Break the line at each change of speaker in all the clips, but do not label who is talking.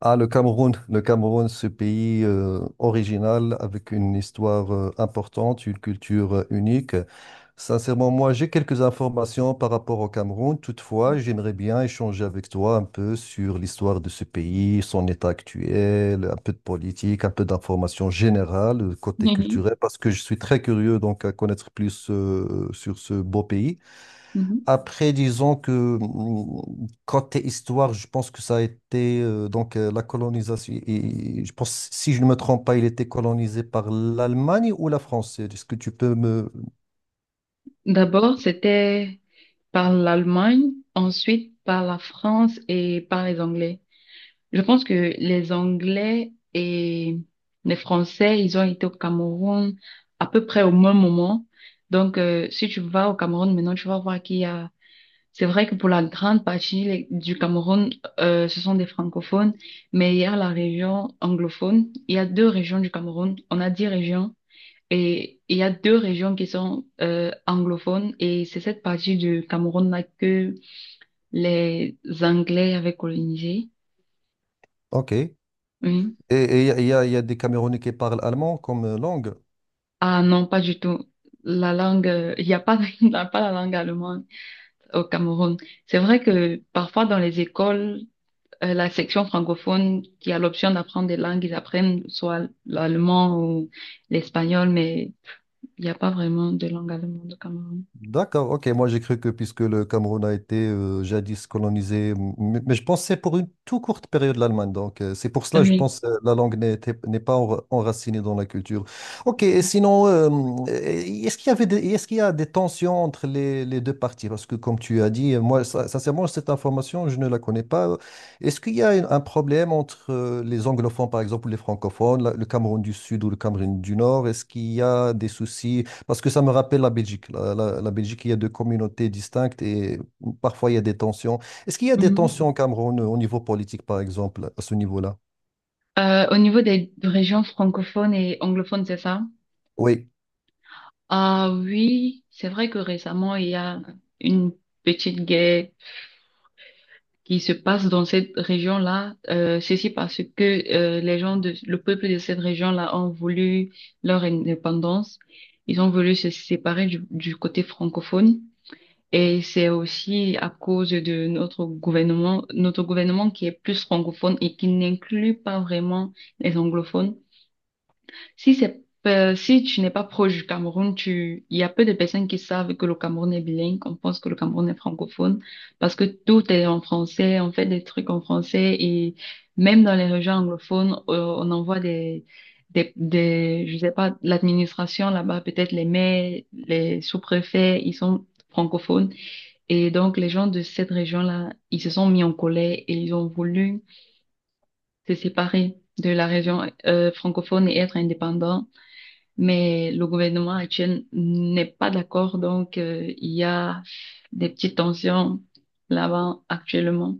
Ah, le Cameroun, ce pays original avec une histoire importante, une culture unique. Sincèrement, moi, j'ai quelques informations par rapport au Cameroun. Toutefois, j'aimerais bien échanger avec toi un peu sur l'histoire de ce pays, son état actuel, un peu de politique, un peu d'informations générales, côté
Mhm.
culturel, parce que je suis très curieux donc à connaître plus sur ce beau pays.
Mhm.
Après, disons que côté histoire, je pense que ça a été donc la colonisation. Et je pense, si je ne me trompe pas, il était colonisé par l'Allemagne ou la France. Est-ce que tu peux me...
D'abord, c'était par l'Allemagne, ensuite par la France et par les Anglais. Je pense que les Anglais et les Français, ils ont été au Cameroun à peu près au même moment. Donc, si tu vas au Cameroun maintenant, tu vas voir qu'il y a... C'est vrai que pour la grande partie du Cameroun, ce sont des francophones, mais il y a la région anglophone. Il y a deux régions du Cameroun. On a 10 régions. Et il y a 2 régions qui sont anglophones et c'est cette partie du Cameroun là que les Anglais avaient colonisé.
Ok. Et
Oui.
et il y a, il y a il y a des Camerounais qui parlent allemand comme langue.
Ah non, pas du tout. La langue, il n'y a pas, il n'y a pas la langue allemande au Cameroun. C'est vrai que parfois dans les écoles, la section francophone qui a l'option d'apprendre des langues, ils apprennent soit l'allemand ou l'espagnol, mais il n'y a pas vraiment de langue allemande au Cameroun.
D'accord, ok. Moi, j'ai cru que puisque le Cameroun a été jadis colonisé, mais je pensais pour une toute courte période l'Allemagne. Donc, c'est pour cela, je
Oui.
pense, la langue n'est pas enracinée dans la culture. Ok, et
Oui.
sinon, est-ce qu'il y avait est-ce qu'il y a des tensions entre les deux parties? Parce que, comme tu as dit, moi, sincèrement, cette information, je ne la connais pas. Est-ce qu'il y a un problème entre les anglophones, par exemple, ou les francophones, le Cameroun du Sud ou le Cameroun du Nord? Est-ce qu'il y a des soucis? Parce que ça me rappelle la Belgique. La Belgique, il y a deux communautés distinctes et parfois il y a des tensions. Est-ce qu'il y a des
Mhm.
tensions au Cameroun au niveau politique, par exemple, à ce niveau-là?
Au niveau des régions francophones et anglophones, c'est ça?
Oui.
Ah oui, c'est vrai que récemment, il y a une petite guerre qui se passe dans cette région-là. Ceci parce que les gens de, le peuple de cette région-là ont voulu leur indépendance. Ils ont voulu se séparer du côté francophone. Et c'est aussi à cause de notre gouvernement qui est plus francophone et qui n'inclut pas vraiment les anglophones. Si c'est, si tu n'es pas proche du Cameroun, tu, il y a peu de personnes qui savent que le Cameroun est bilingue. On pense que le Cameroun est francophone parce que tout est en français. On fait des trucs en français et même dans les régions anglophones, on envoie je sais pas, l'administration là-bas, peut-être les maires, les sous-préfets, ils sont francophones. Et donc, les gens de cette région-là, ils se sont mis en colère et ils ont voulu se séparer de la région, francophone et être indépendants, mais le gouvernement actuel n'est pas d'accord, donc il y a des petites tensions là-bas actuellement.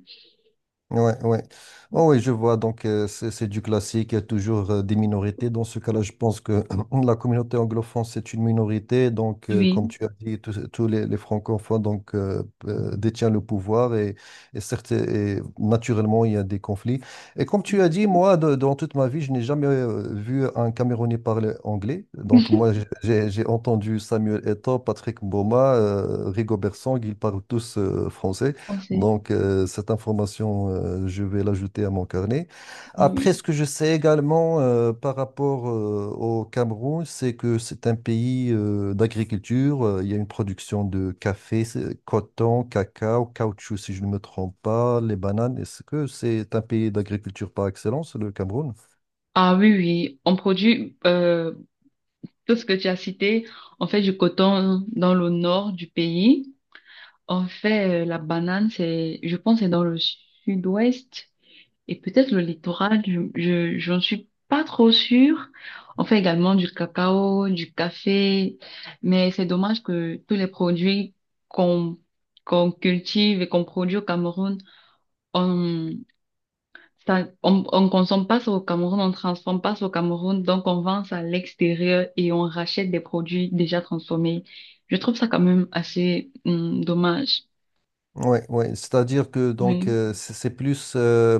Ouais, ouais. Oh, oui, je vois. Donc, c'est du classique. Il y a toujours des minorités. Dans ce cas-là, je pense que la communauté anglophone, c'est une minorité. Donc, comme
Oui,
tu as dit, tous les francophones donc, détiennent le pouvoir et, certes, et naturellement, il y a des conflits. Et comme tu as dit,
exactement.
moi, dans toute ma vie, je n'ai jamais vu un Camerounais parler anglais. Donc, moi, j'ai entendu Samuel Eto'o, Patrick Mboma, Rigo Bersang, ils parlent tous français.
On sait.
Donc, cette information, je vais l'ajouter à mon carnet. Après,
Oui.
ce que je sais également par rapport au Cameroun, c'est que c'est un pays d'agriculture. Il y a une production de café, coton, cacao, caoutchouc, si je ne me trompe pas, les bananes. Est-ce que c'est un pays d'agriculture par excellence, le Cameroun?
Ah oui, oui, on produit tout ce que tu as cité. On fait du coton dans le nord du pays. On fait la banane, c'est, je pense, que c'est dans le sud-ouest. Et peut-être le littoral, j'en suis pas trop sûre. On fait également du cacao, du café, mais c'est dommage que tous les produits qu'on qu'on cultive et qu'on produit au Cameroun, on ça, on consomme pas ça au Cameroun, on transforme pas ça au Cameroun, donc on vend ça à l'extérieur et on rachète des produits déjà transformés. Je trouve ça quand même assez dommage.
Ouais, ouais. C'est-à-dire que donc
Oui.
c'est plus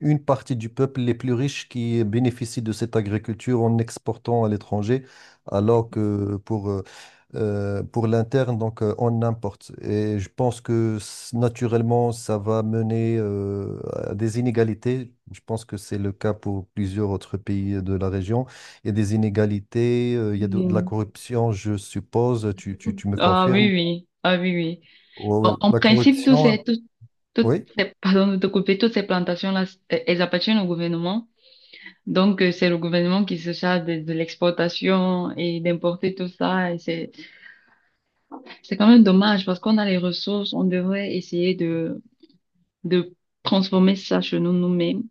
une partie du peuple les plus riches qui bénéficient de cette agriculture en exportant à l'étranger, alors que pour l'interne donc on importe. Et je pense que naturellement ça va mener à des inégalités. Je pense que c'est le cas pour plusieurs autres pays de la région. Il y a des inégalités, il y a de la
Oui.
corruption, je suppose. Tu me
Ah
confirmes?
oui, oui. Ah oui, oui.
Ouais,
En,
ouais.
en
La
principe,
corruption,
toutes
oui.
ces- pardon de te couper, toutes ces plantations-là, c'est- elles appartiennent au gouvernement. Donc, c'est le gouvernement qui se charge de l'exportation et d'importer tout ça. Et c'est quand même dommage parce qu'on a les ressources. On devrait essayer de transformer ça chez nous nous-mêmes.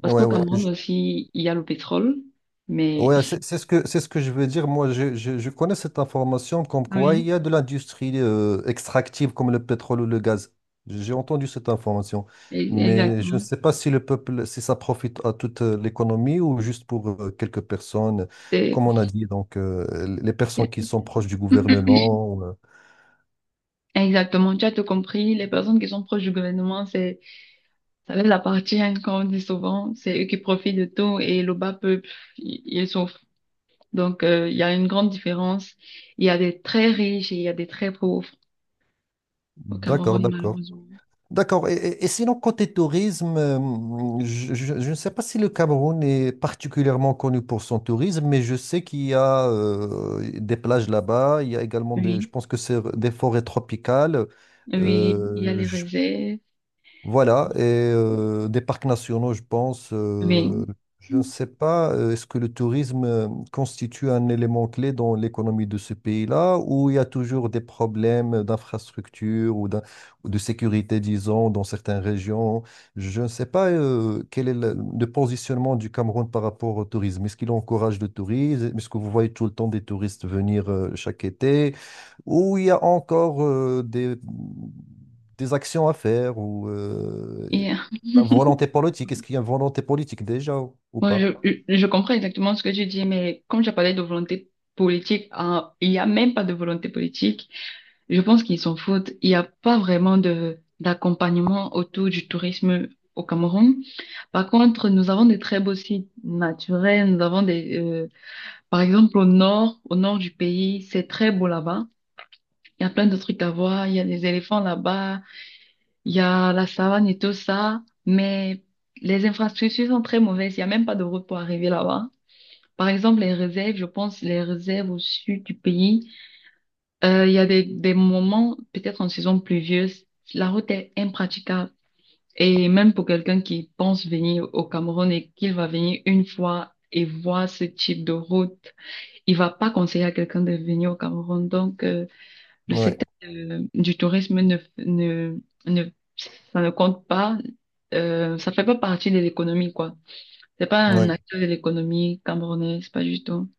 Parce
Ouais,
qu'au
ouais,
Cameroun aussi, il y a le pétrole. Mais
ouais, c'est ce que je veux dire. Moi, je connais cette information comme quoi il
oui,
y a de l'industrie extractive comme le pétrole ou le gaz. J'ai entendu cette information. Mais je ne
exactement.
sais pas si le peuple, si ça profite à toute l'économie ou juste pour quelques personnes,
C'est-
comme on a dit, donc les personnes qui sont proches du gouvernement.
Exactement, tu as tout compris. Les personnes qui sont proches du gouvernement, c'est ça les appartient, comme on dit souvent. C'est eux qui profitent de tout et le bas peuple, ils souffrent. Donc, il y a une grande différence. Il y a des très riches et il y a des très pauvres au
D'accord,
Cameroun,
d'accord.
malheureusement.
D'accord. Et, et sinon, côté tourisme, je ne sais pas si le Cameroun est particulièrement connu pour son tourisme, mais je sais qu'il y a des plages là-bas. Il y a également je
Oui,
pense que c'est des forêts tropicales. Mhm.
oui, il y a les
Je
réserves.
Voilà, et des parcs nationaux, je pense.
Oui.
Je ne sais pas, est-ce que le tourisme constitue un élément clé dans l'économie de ce pays-là, ou il y a toujours des problèmes d'infrastructure ou, ou de sécurité, disons, dans certaines régions? Je ne sais pas quel est le positionnement du Cameroun par rapport au tourisme. Est-ce qu'il encourage le tourisme? Est-ce que vous voyez tout le temps des touristes venir chaque été? Où il y a encore des actions à faire ou
Et,
la volonté politique. Est-ce qu'il y a une volonté politique déjà ou
moi,
pas?
je comprends exactement ce que tu dis, mais comme j'ai parlé de volonté politique, hein, il n'y a même pas de volonté politique. Je pense qu'ils s'en foutent. Il n'y a pas vraiment de d'accompagnement autour du tourisme au Cameroun. Par contre, nous avons des très beaux sites naturels. Nous avons des, par exemple, au nord du pays, c'est très beau là-bas. Il y a plein de trucs à voir. Il y a des éléphants là-bas. Il y a la savane et tout ça. Mais les infrastructures sont très mauvaises. Il n'y a même pas de route pour arriver là-bas. Par exemple, les réserves, je pense, les réserves au sud du pays, il y a des moments, peut-être en saison pluvieuse, la route est impraticable. Et même pour quelqu'un qui pense venir au Cameroun et qu'il va venir une fois et voir ce type de route, il va pas conseiller à quelqu'un de venir au Cameroun. Donc, le
Ouais,
secteur du tourisme ne, ne, ne, ça ne compte pas. Ça fait pas partie de l'économie, quoi. C'est pas un
ouais.
acteur de l'économie camerounaise, pas du tout.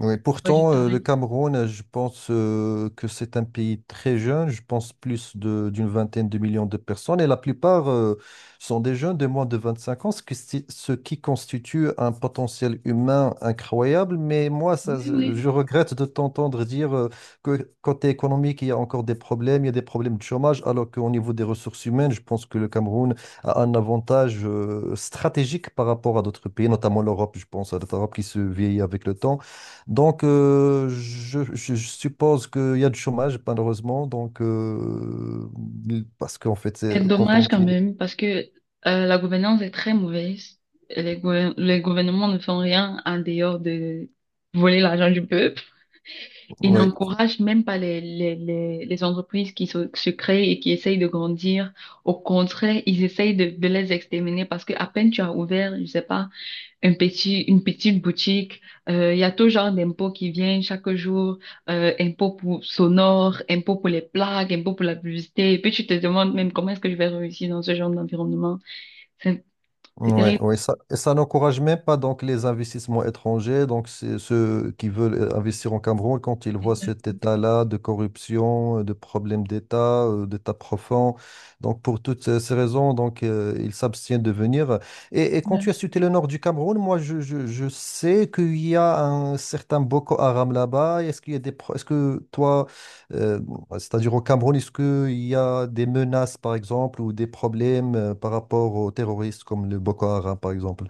Oui,
C'est pas du
pourtant, le
tourisme.
Cameroun, je pense que c'est un pays très jeune, je pense plus d'une vingtaine de millions de personnes, et la plupart sont des jeunes de moins de 25 ans, ce qui, ce qui constitue un potentiel humain incroyable. Mais moi, ça,
Oui, oui.
je regrette de t'entendre dire que côté économique, il y a encore des problèmes, il y a des problèmes de chômage, alors qu'au niveau des ressources humaines, je pense que le Cameroun a un avantage stratégique par rapport à d'autres pays, notamment l'Europe, je pense à l'Europe qui se vieillit avec le temps. Donc, je suppose qu'il y a du chômage, malheureusement. Donc, parce qu'en fait, c'est
C'est
quand on
dommage quand
dit,
même parce que la gouvernance est très mauvaise. Et les gouvernements ne font rien en dehors de voler l'argent du peuple. Ils
ouais.
n'encouragent même pas les entreprises se créent et qui essayent de grandir. Au contraire, ils essayent de les exterminer parce que à peine tu as ouvert, je sais pas, une petite boutique. Il y a tout genre d'impôts qui viennent chaque jour. Impôts pour sonore, impôts pour les plaques, impôts pour la publicité. Et puis tu te demandes même comment est-ce que je vais réussir dans ce genre d'environnement. C'est c'est
Ouais,
terrible.
ouais, ça, et ça n'encourage même pas donc les investissements étrangers, donc c'est ceux qui veulent investir en Cameroun quand ils voient cet état-là de corruption, de problèmes d'État, d'État profond. Donc pour toutes ces raisons, donc ils s'abstiennent de venir. Et quand tu
Ouais.
as cité le nord du Cameroun, moi je sais qu'il y a un certain Boko Haram là-bas. Est-ce qu'il y a est-ce que toi euh, ouais, c'est-à-dire au Cameroun, est-ce qu'il y a des menaces, par exemple, ou des problèmes par rapport aux terroristes comme le Boko Haram, par exemple?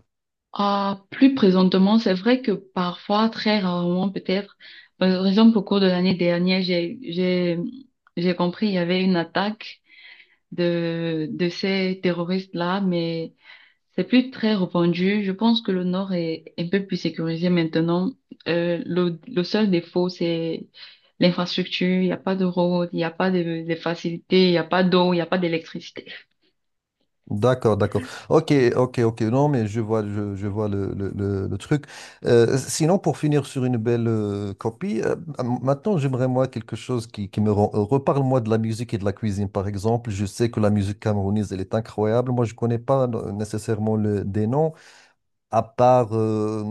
Ah, plus présentement, c'est vrai que parfois, très rarement peut-être, par exemple au cours de l'année dernière, j'ai compris il y avait une attaque de ces terroristes-là, mais c'est plus très répandu. Je pense que le Nord est un peu plus sécurisé maintenant. Le seul défaut, c'est l'infrastructure. Il n'y a pas de route, il n'y a pas de, de facilités, il n'y a pas d'eau, il n'y a pas d'électricité.
D'accord, d'accord. Ok, ok, ok. Non, mais je vois, je vois le truc. Sinon, pour finir sur une belle copie, maintenant, j'aimerais, moi, quelque chose qui me rend heureux. Parle-moi de la musique et de la cuisine, par exemple. Je sais que la musique camerounaise, elle est incroyable. Moi, je connais pas nécessairement des noms, à part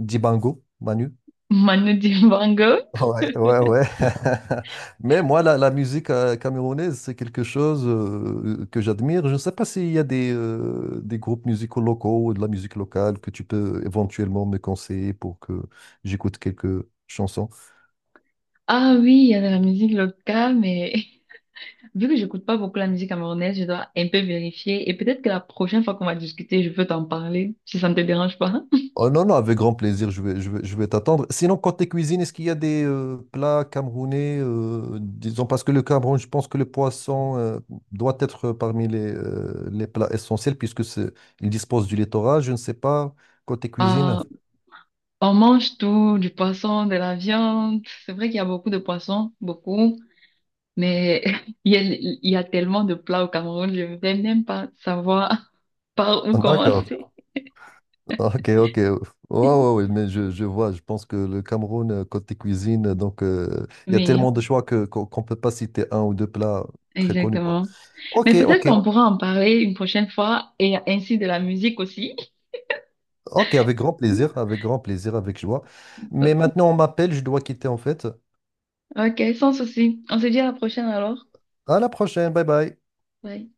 Dibango, Manu.
Manu Dibango.
Ouais, ouais, ouais. Mais moi, la musique camerounaise, c'est quelque chose que j'admire. Je ne sais pas s'il y a des groupes musicaux locaux ou de la musique locale que tu peux éventuellement me conseiller pour que j'écoute quelques chansons.
Ah oui, il y a de la musique locale, mais vu que j'écoute pas beaucoup la musique camerounaise, je dois un peu vérifier. Et peut-être que la prochaine fois qu'on va discuter, je peux t'en parler, si ça ne te dérange pas.
Oh non, non, avec grand plaisir, je vais t'attendre. Sinon, côté cuisine, est-ce qu'il y a des plats camerounais, disons, parce que le Cameroun, je pense que le poisson doit être parmi les plats essentiels, puisque c'est, il dispose du littoral, je ne sais pas, côté cuisine.
Ah, on mange tout, du poisson, de la viande. C'est vrai qu'il y a beaucoup de poissons, beaucoup. Mais il y a tellement de plats au Cameroun, je ne vais même pas savoir par où
Ah,
commencer.
d'accord,
D'accord.
ok, ok. Ouais, ouais, ouais, mais je vois, je pense que le Cameroun, côté cuisine, donc il y a
Mais
tellement de choix que, qu'on peut pas citer un ou deux plats très connus, quoi.
exactement. Mais
Ok,
peut-être
ok.
qu'on pourra en parler une prochaine fois et ainsi de la musique aussi.
Ok, avec grand plaisir, avec grand plaisir, avec joie. Mais maintenant, on m'appelle, je dois quitter en fait.
Ok, sans souci. On se dit à la prochaine alors.
À la prochaine, bye bye.
Bye.